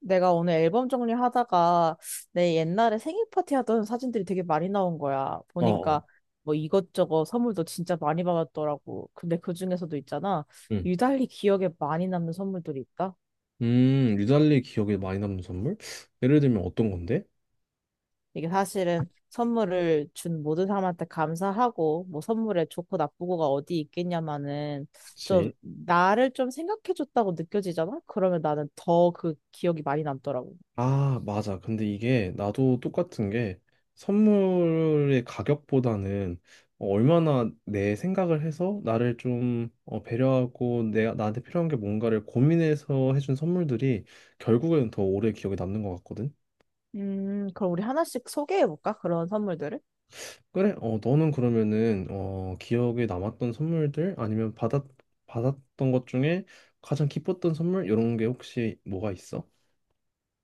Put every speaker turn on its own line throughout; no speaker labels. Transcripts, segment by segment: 내가 오늘 앨범 정리하다가 내 옛날에 생일 파티 하던 사진들이 되게 많이 나온 거야.
어,
보니까
어.
뭐 이것저것 선물도 진짜 많이 받았더라고. 근데 그중에서도 있잖아.
응.
유달리 기억에 많이 남는 선물들이 있다.
유달리 기억에 많이 남는 선물? 예를 들면 어떤 건데?
이게 사실은 선물을 준 모든 사람한테 감사하고 뭐 선물에 좋고 나쁘고가 어디 있겠냐마는 좀
그치.
나를 좀 생각해줬다고 느껴지잖아. 그러면 나는 더 그 기억이 많이 남더라고.
아, 맞아. 근데 이게 나도 똑같은 게 선물의 가격보다는 얼마나 내 생각을 해서 나를 좀 배려하고 내가 나한테 필요한 게 뭔가를 고민해서 해준 선물들이 결국에는 더 오래 기억에 남는 것 같거든.
그럼 우리 하나씩 소개해볼까? 그런 선물들을?
그래, 너는 그러면은, 기억에 남았던 선물들 아니면 받았던 것 중에 가장 기뻤던 선물? 이런 게 혹시 뭐가 있어?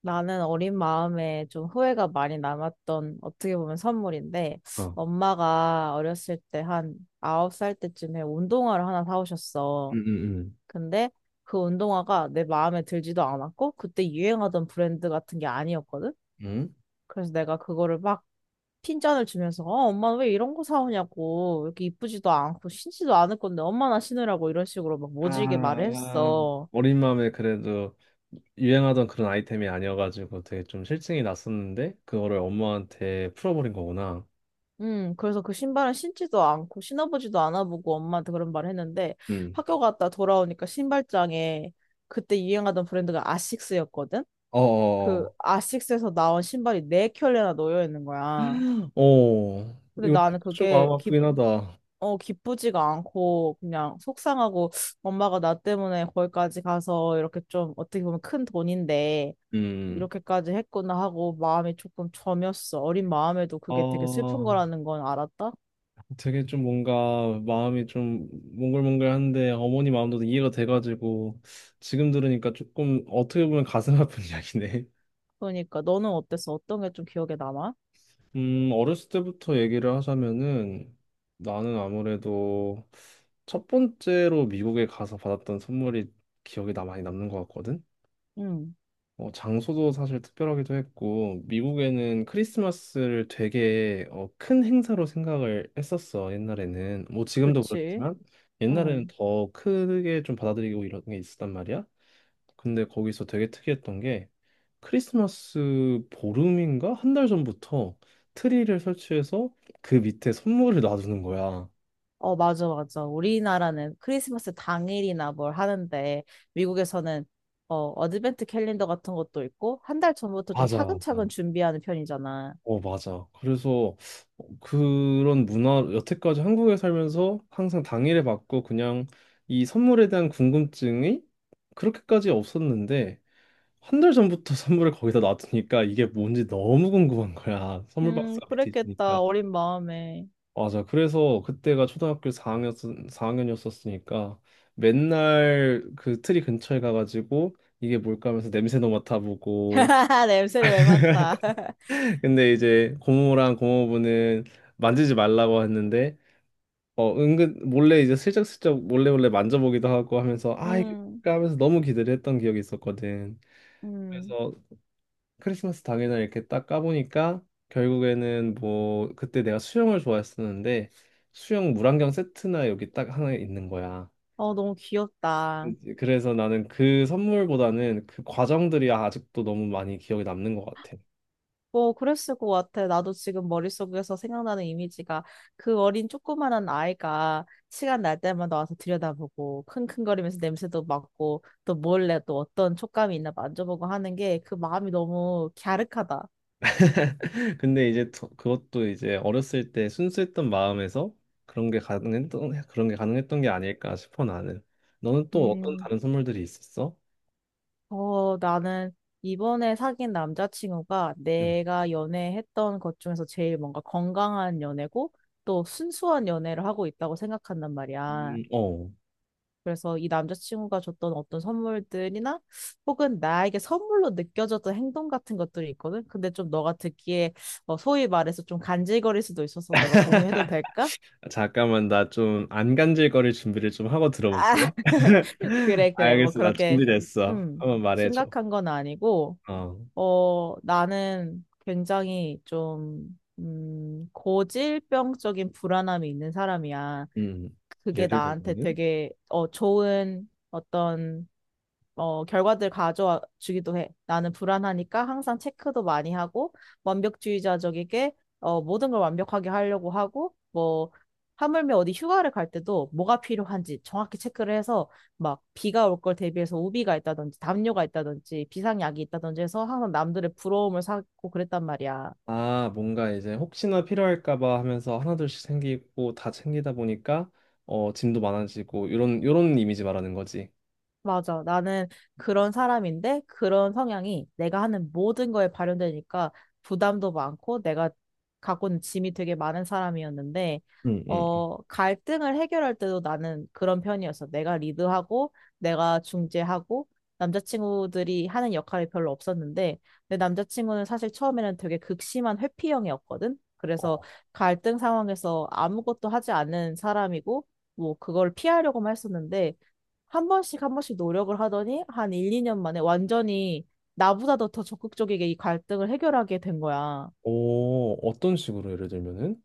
나는 어린 마음에 좀 후회가 많이 남았던 어떻게 보면 선물인데
어,
엄마가 어렸을 때 한 아홉 살 때쯤에 운동화를 하나
응
사오셨어.
응
근데 그 운동화가 내 마음에 들지도 않았고 그때 유행하던 브랜드 같은 게 아니었거든.
응? 응?
그래서 내가 그거를 막 핀잔을 주면서 엄마 왜 이런 거 사오냐고 이렇게 이쁘지도 않고 신지도 않을 건데 엄마나 신으라고 이런 식으로 막 모질게 말을
아,
했어.
어린 마음에 그래도 유행하던 그런 아이템이 아니어가지고 되게 좀 실증이 났었는데, 그거를 엄마한테 풀어버린 거구나.
그래서 그 신발은 신지도 않고 신어보지도 않아보고 엄마한테 그런 말을 했는데
응.
학교 갔다 돌아오니까 신발장에 그때 유행하던 브랜드가 아식스였거든?
어,
그
어,
아식스에서 나온 신발이 네 켤레나 놓여 있는 거야.
어.
근데
이거
나는
좀 마음 아프긴 하다.
기쁘지가 않고 그냥 속상하고 엄마가 나 때문에 거기까지 가서 이렇게 좀 어떻게 보면 큰 돈인데
음.
이렇게까지 했구나 하고 마음이 조금 저몄어. 어린 마음에도 그게 되게 슬픈
아,
거라는 건 알았다?
되게 좀 뭔가 마음이 좀 몽글몽글한데 어머니 마음도 이해가 돼가지고 지금 들으니까 조금 어떻게 보면 가슴 아픈 이야기네.
그러니까 너는 어땠어? 어떤 게 좀 기억에 남아?
어렸을 때부터 얘기를 하자면은 나는 아무래도 첫 번째로 미국에 가서 받았던 선물이 기억에 나 많이 남는 것 같거든.
응,
장소도 사실 특별하기도 했고, 미국에는 크리스마스를 되게 큰 행사로 생각을 했었어, 옛날에는. 뭐 지금도
그치.
그렇지만, 옛날에는
응.
더 크게 좀 받아들이고 이런 게 있었단 말이야. 근데 거기서 되게 특이했던 게 크리스마스 보름인가? 한 달 전부터 트리를 설치해서 그 밑에 선물을 놔두는 거야.
어, 맞아, 맞아. 우리나라는 크리스마스 당일이나 뭘 하는데 미국에서는 어드벤트 캘린더 같은 것도 있고 한 달 전부터 좀
맞아, 맞아.
차근차근 준비하는 편이잖아.
맞아. 그래서 그런 문화, 여태까지 한국에 살면서 항상 당일에 받고 그냥 이 선물에 대한 궁금증이 그렇게까지 없었는데 한 달 전부터 선물을 거기다 놔두니까 이게 뭔지 너무 궁금한 거야. 선물 박스가 밑에 있으니까.
그랬겠다. 어린 마음에.
맞아. 그래서 그때가 초등학교 4학년, 4학년이었었으니까 맨날 그 트리 근처에 가가지고 이게 뭘까 하면서 냄새도 맡아보고
냄새를 왜 맡아?
근데 이제 고모랑 고모부는 만지지 말라고 했는데 은근 몰래 이제 슬쩍슬쩍 몰래 몰래 만져보기도 하고 하면서 아 이거
음,
하면서 너무 기대를 했던 기억이 있었거든.
음,
그래서 크리스마스 당일날 이렇게 딱 까보니까 결국에는 뭐 그때 내가 수영을 좋아했었는데 수영 물안경 세트나 여기 딱 하나 있는 거야.
너무 귀엽다.
이제 그래서 나는 그 선물보다는 그 과정들이 아직도 너무 많이 기억에 남는 것 같아.
뭐, 그랬을 것 같아. 나도 지금 머릿속에서 생각나는 이미지가 그 어린 조그만한 아이가 시간 날 때마다 와서 들여다보고 킁킁거리면서 냄새도 맡고 또 몰래 또 어떤 촉감이 있나 만져보고 하는 게 그 마음이 너무 갸륵하다.
근데 이제 그것도 이제 어렸을 때 순수했던 마음에서 그런 게 가능했던 게 아닐까 싶어 나는. 너는 또 어떤
음.
다른 선물들이 있었어?
나는 이번에 사귄 남자친구가
음.
내가 연애했던 것 중에서 제일 뭔가 건강한 연애고 또 순수한 연애를 하고 있다고 생각한단 말이야.
어.
그래서 이 남자친구가 줬던 어떤 선물들이나 혹은 나에게 선물로 느껴졌던 행동 같은 것들이 있거든. 근데 좀 너가 듣기에 소위 말해서 좀 간질거릴 수도 있어서 내가 공유해도 될까?
잠깐만 나 좀 안 간질거릴 준비를 좀 하고
아,
들어볼게.
그래, 그래. 뭐
알겠어, 나
그렇게,
준비됐어.
음,
한번 말해줘.
심각한 건 아니고.
어,
나는 굉장히 좀, 고질병적인 불안함이 있는 사람이야.
음,
그게
예를
나한테
들면
되게, 좋은 어떤 결과들 가져와 주기도 해. 나는 불안하니까 항상 체크도 많이 하고, 완벽주의자적이게, 모든 걸 완벽하게 하려고 하고, 뭐, 하물며 어디 휴가를 갈 때도 뭐가 필요한지 정확히 체크를 해서, 막, 비가 올 걸 대비해서 우비가 있다든지, 담요가 있다든지, 비상약이 있다든지 해서 항상 남들의 부러움을 사고 그랬단 말이야.
아, 뭔가 이제 혹시나 필요할까 봐 하면서 하나둘씩 생기고 다 챙기다 보니까 짐도 많아지고 요런 이런 이미지 말하는 거지.
맞아. 나는 그런 사람인데 그런 성향이 내가 하는 모든 거에 발현되니까 부담도 많고 내가 갖고 있는 짐이 되게 많은 사람이었는데
응, 응.
갈등을 해결할 때도 나는 그런 편이었어. 내가 리드하고 내가 중재하고 남자친구들이 하는 역할이 별로 없었는데 내 남자친구는 사실 처음에는 되게 극심한 회피형이었거든. 그래서
어.
갈등 상황에서 아무것도 하지 않는 사람이고 뭐 그걸 피하려고만 했었는데 한 번씩 한 번씩 노력을 하더니 한 1, 2년 만에 완전히 나보다도 더 적극적이게 이 갈등을 해결하게 된 거야.
오, 어떤 식으로 예를 들면은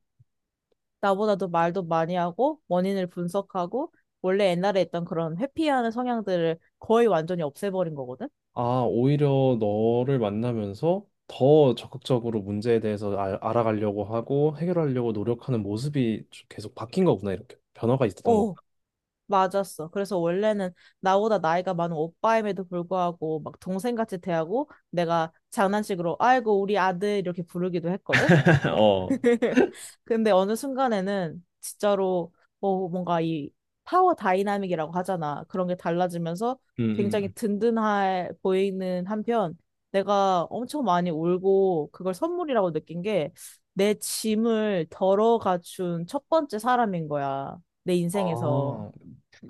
나보다도 말도 많이 하고 원인을 분석하고 원래 옛날에 있던 그런 회피하는 성향들을 거의 완전히 없애버린 거거든.
아, 오히려 너를 만나면서 더 적극적으로 문제에 대해서 알아가려고 하고 해결하려고 노력하는 모습이 계속 바뀐 거구나. 이렇게 변화가 있었던
어,
거구나.
맞았어. 그래서 원래는 나보다 나이가 많은 오빠임에도 불구하고 막 동생같이 대하고 내가 장난식으로 아이고 우리 아들 이렇게 부르기도 했거든. 그-
어,
근데 어느 순간에는 진짜로 뭐 뭔가 이 파워 다이나믹이라고 하잖아. 그런 게 달라지면서
응,
굉장히
응.
든든해 보이는 한편 내가 엄청 많이 울고 그걸 선물이라고 느낀 게 내 짐을 덜어 갖춘 첫 번째 사람인 거야. 내 인생에서.
아,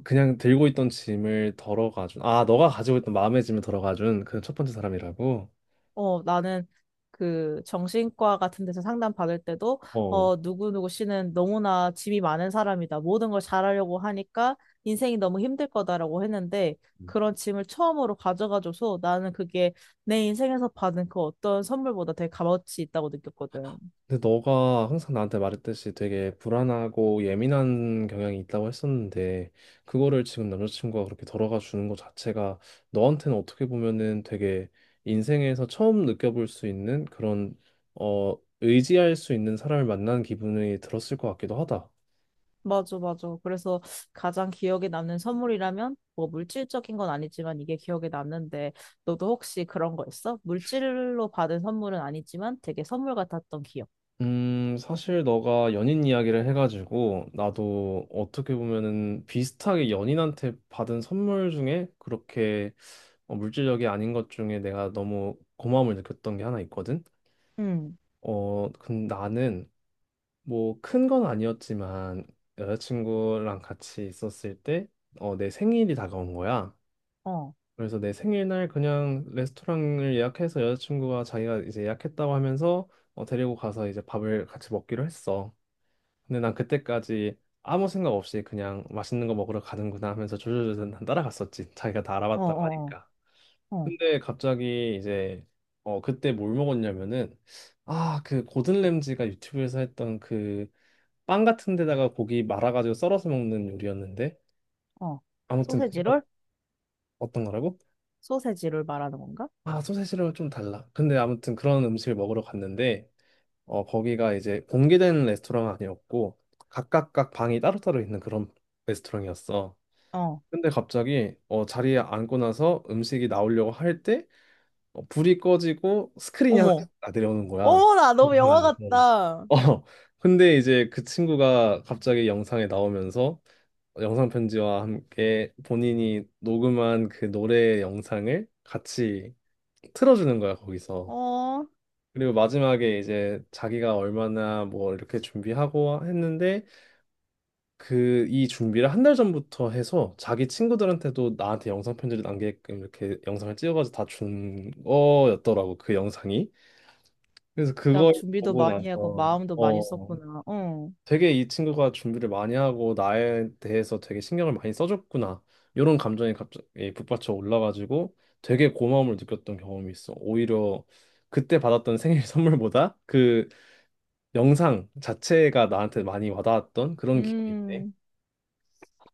그냥 들고 있던 짐을 덜어가준. 아, 너가 가지고 있던 마음의 짐을 덜어가준 그 첫 번째 사람이라고.
나는 그 정신과 같은 데서 상담 받을 때도
어.
누구누구 씨는 너무나 짐이 많은 사람이다. 모든 걸 잘하려고 하니까 인생이 너무 힘들 거다라고 했는데
음.
그런 짐을 처음으로 가져가줘서 나는 그게 내 인생에서 받은 그 어떤 선물보다 되게 값어치 있다고 느꼈거든.
근데 너가 항상 나한테 말했듯이 되게 불안하고 예민한 경향이 있다고 했었는데 그거를 지금 남자친구가 그렇게 덜어가 주는 것 자체가 너한테는 어떻게 보면은 되게 인생에서 처음 느껴볼 수 있는 그런 의지할 수 있는 사람을 만난 기분이 들었을 것 같기도 하다.
맞아, 맞아. 그래서 가장 기억에 남는 선물이라면 뭐 물질적인 건 아니지만 이게 기억에 남는데 너도 혹시 그런 거 있어? 물질로 받은 선물은 아니지만 되게 선물 같았던 기억.
사실 너가 연인 이야기를 해가지고 나도 어떻게 보면은 비슷하게 연인한테 받은 선물 중에 그렇게 물질력이 아닌 것 중에 내가 너무 고마움을 느꼈던 게 하나 있거든.
음.
어, 근 나는 뭐 큰 건 아니었지만 여자친구랑 같이 있었을 때 내 생일이 다가온 거야.
어,
그래서 내 생일날 그냥 레스토랑을 예약해서 여자친구가 자기가 이제 예약했다고 하면서 데리고 가서 이제 밥을 같이 먹기로 했어. 근데 난 그때까지 아무 생각 없이 그냥 맛있는 거 먹으러 가는구나 하면서 조조조조 난 따라갔었지. 자기가 다
어,
알아봤다고
어,
하니까.
어, 어,
근데 갑자기 이제 그때 뭘 먹었냐면은 아 그 고든 램지가 유튜브에서 했던 그 빵 같은 데다가 고기 말아가지고 썰어서 먹는 요리였는데
어.
아무튼 그런
소세지롤?
어떤 거라고?
소세지롤 말하는 건가?
아, 소세지랑 좀 달라. 근데 아무튼 그런 음식을 먹으러 갔는데 거기가 이제 공개된 레스토랑 아니었고 각각각 방이 따로따로 있는 그런 레스토랑이었어.
어.
근데 갑자기 자리에 앉고 나서 음식이 나오려고 할때 불이 꺼지고 스크린이 하나
어머.
딱 내려오는 거야.
어머, 나 너무
영상
영화
안에서.
같다.
어, 근데 이제 그 친구가 갑자기 영상에 나오면서 영상 편지와 함께 본인이 녹음한 그 노래 영상을 같이 틀어주는 거야, 거기서.
어.
그리고 마지막에 이제 자기가 얼마나 뭐 이렇게 준비하고 했는데 그 이 준비를 한 달 전부터 해서 자기 친구들한테도 나한테 영상 편지를 남게끔 이렇게 영상을 찍어가지고 다 준 거였더라고, 그 영상이. 그래서
진짜
그걸
준비도
보고
많이 하고
나서
마음도 많이
어
썼구나. 어.
되게 이 친구가 준비를 많이 하고 나에 대해서 되게 신경을 많이 써줬구나 이런 감정이 갑자기 북받쳐 올라가지고 되게 고마움을 느꼈던 경험이 있어. 오히려 그때 받았던 생일 선물보다 그 영상 자체가 나한테 많이 와닿았던 그런 기억인데
음.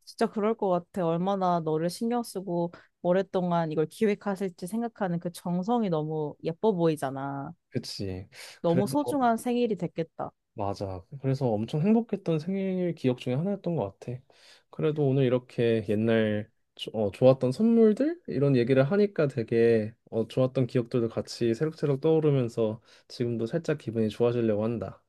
진짜 그럴 것 같아. 얼마나 너를 신경 쓰고 오랫동안 이걸 기획하실지 생각하는 그 정성이 너무 예뻐 보이잖아.
그치.
너무
그래도
소중한 생일이 됐겠다.
맞아. 그래서 엄청 행복했던 생일 기억 중에 하나였던 것 같아. 그래도 오늘 이렇게 옛날 좋았던 선물들 이런 얘기를 하니까 되게 좋았던 기억들도 같이 새록새록 떠오르면서 지금도 살짝 기분이 좋아지려고 한다.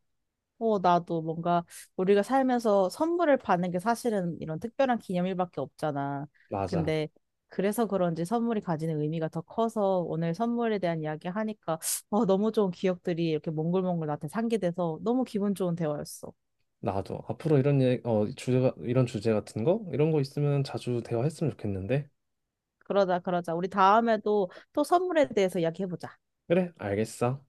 나도 뭔가 우리가 살면서 선물을 받는 게 사실은 이런 특별한 기념일밖에 없잖아.
맞아.
근데 그래서 그런지 선물이 가지는 의미가 더 커서 오늘 선물에 대한 이야기 하니까 너무 좋은 기억들이 이렇게 몽글몽글 나한테 상기돼서 너무 기분 좋은 대화였어.
나도 앞으로 주제가 이런 주제 같은 거 이런 거 있으면 자주 대화했으면 좋겠는데.
그러자, 그러자. 우리 다음에도 또 선물에 대해서 이야기해보자.
그래, 알겠어.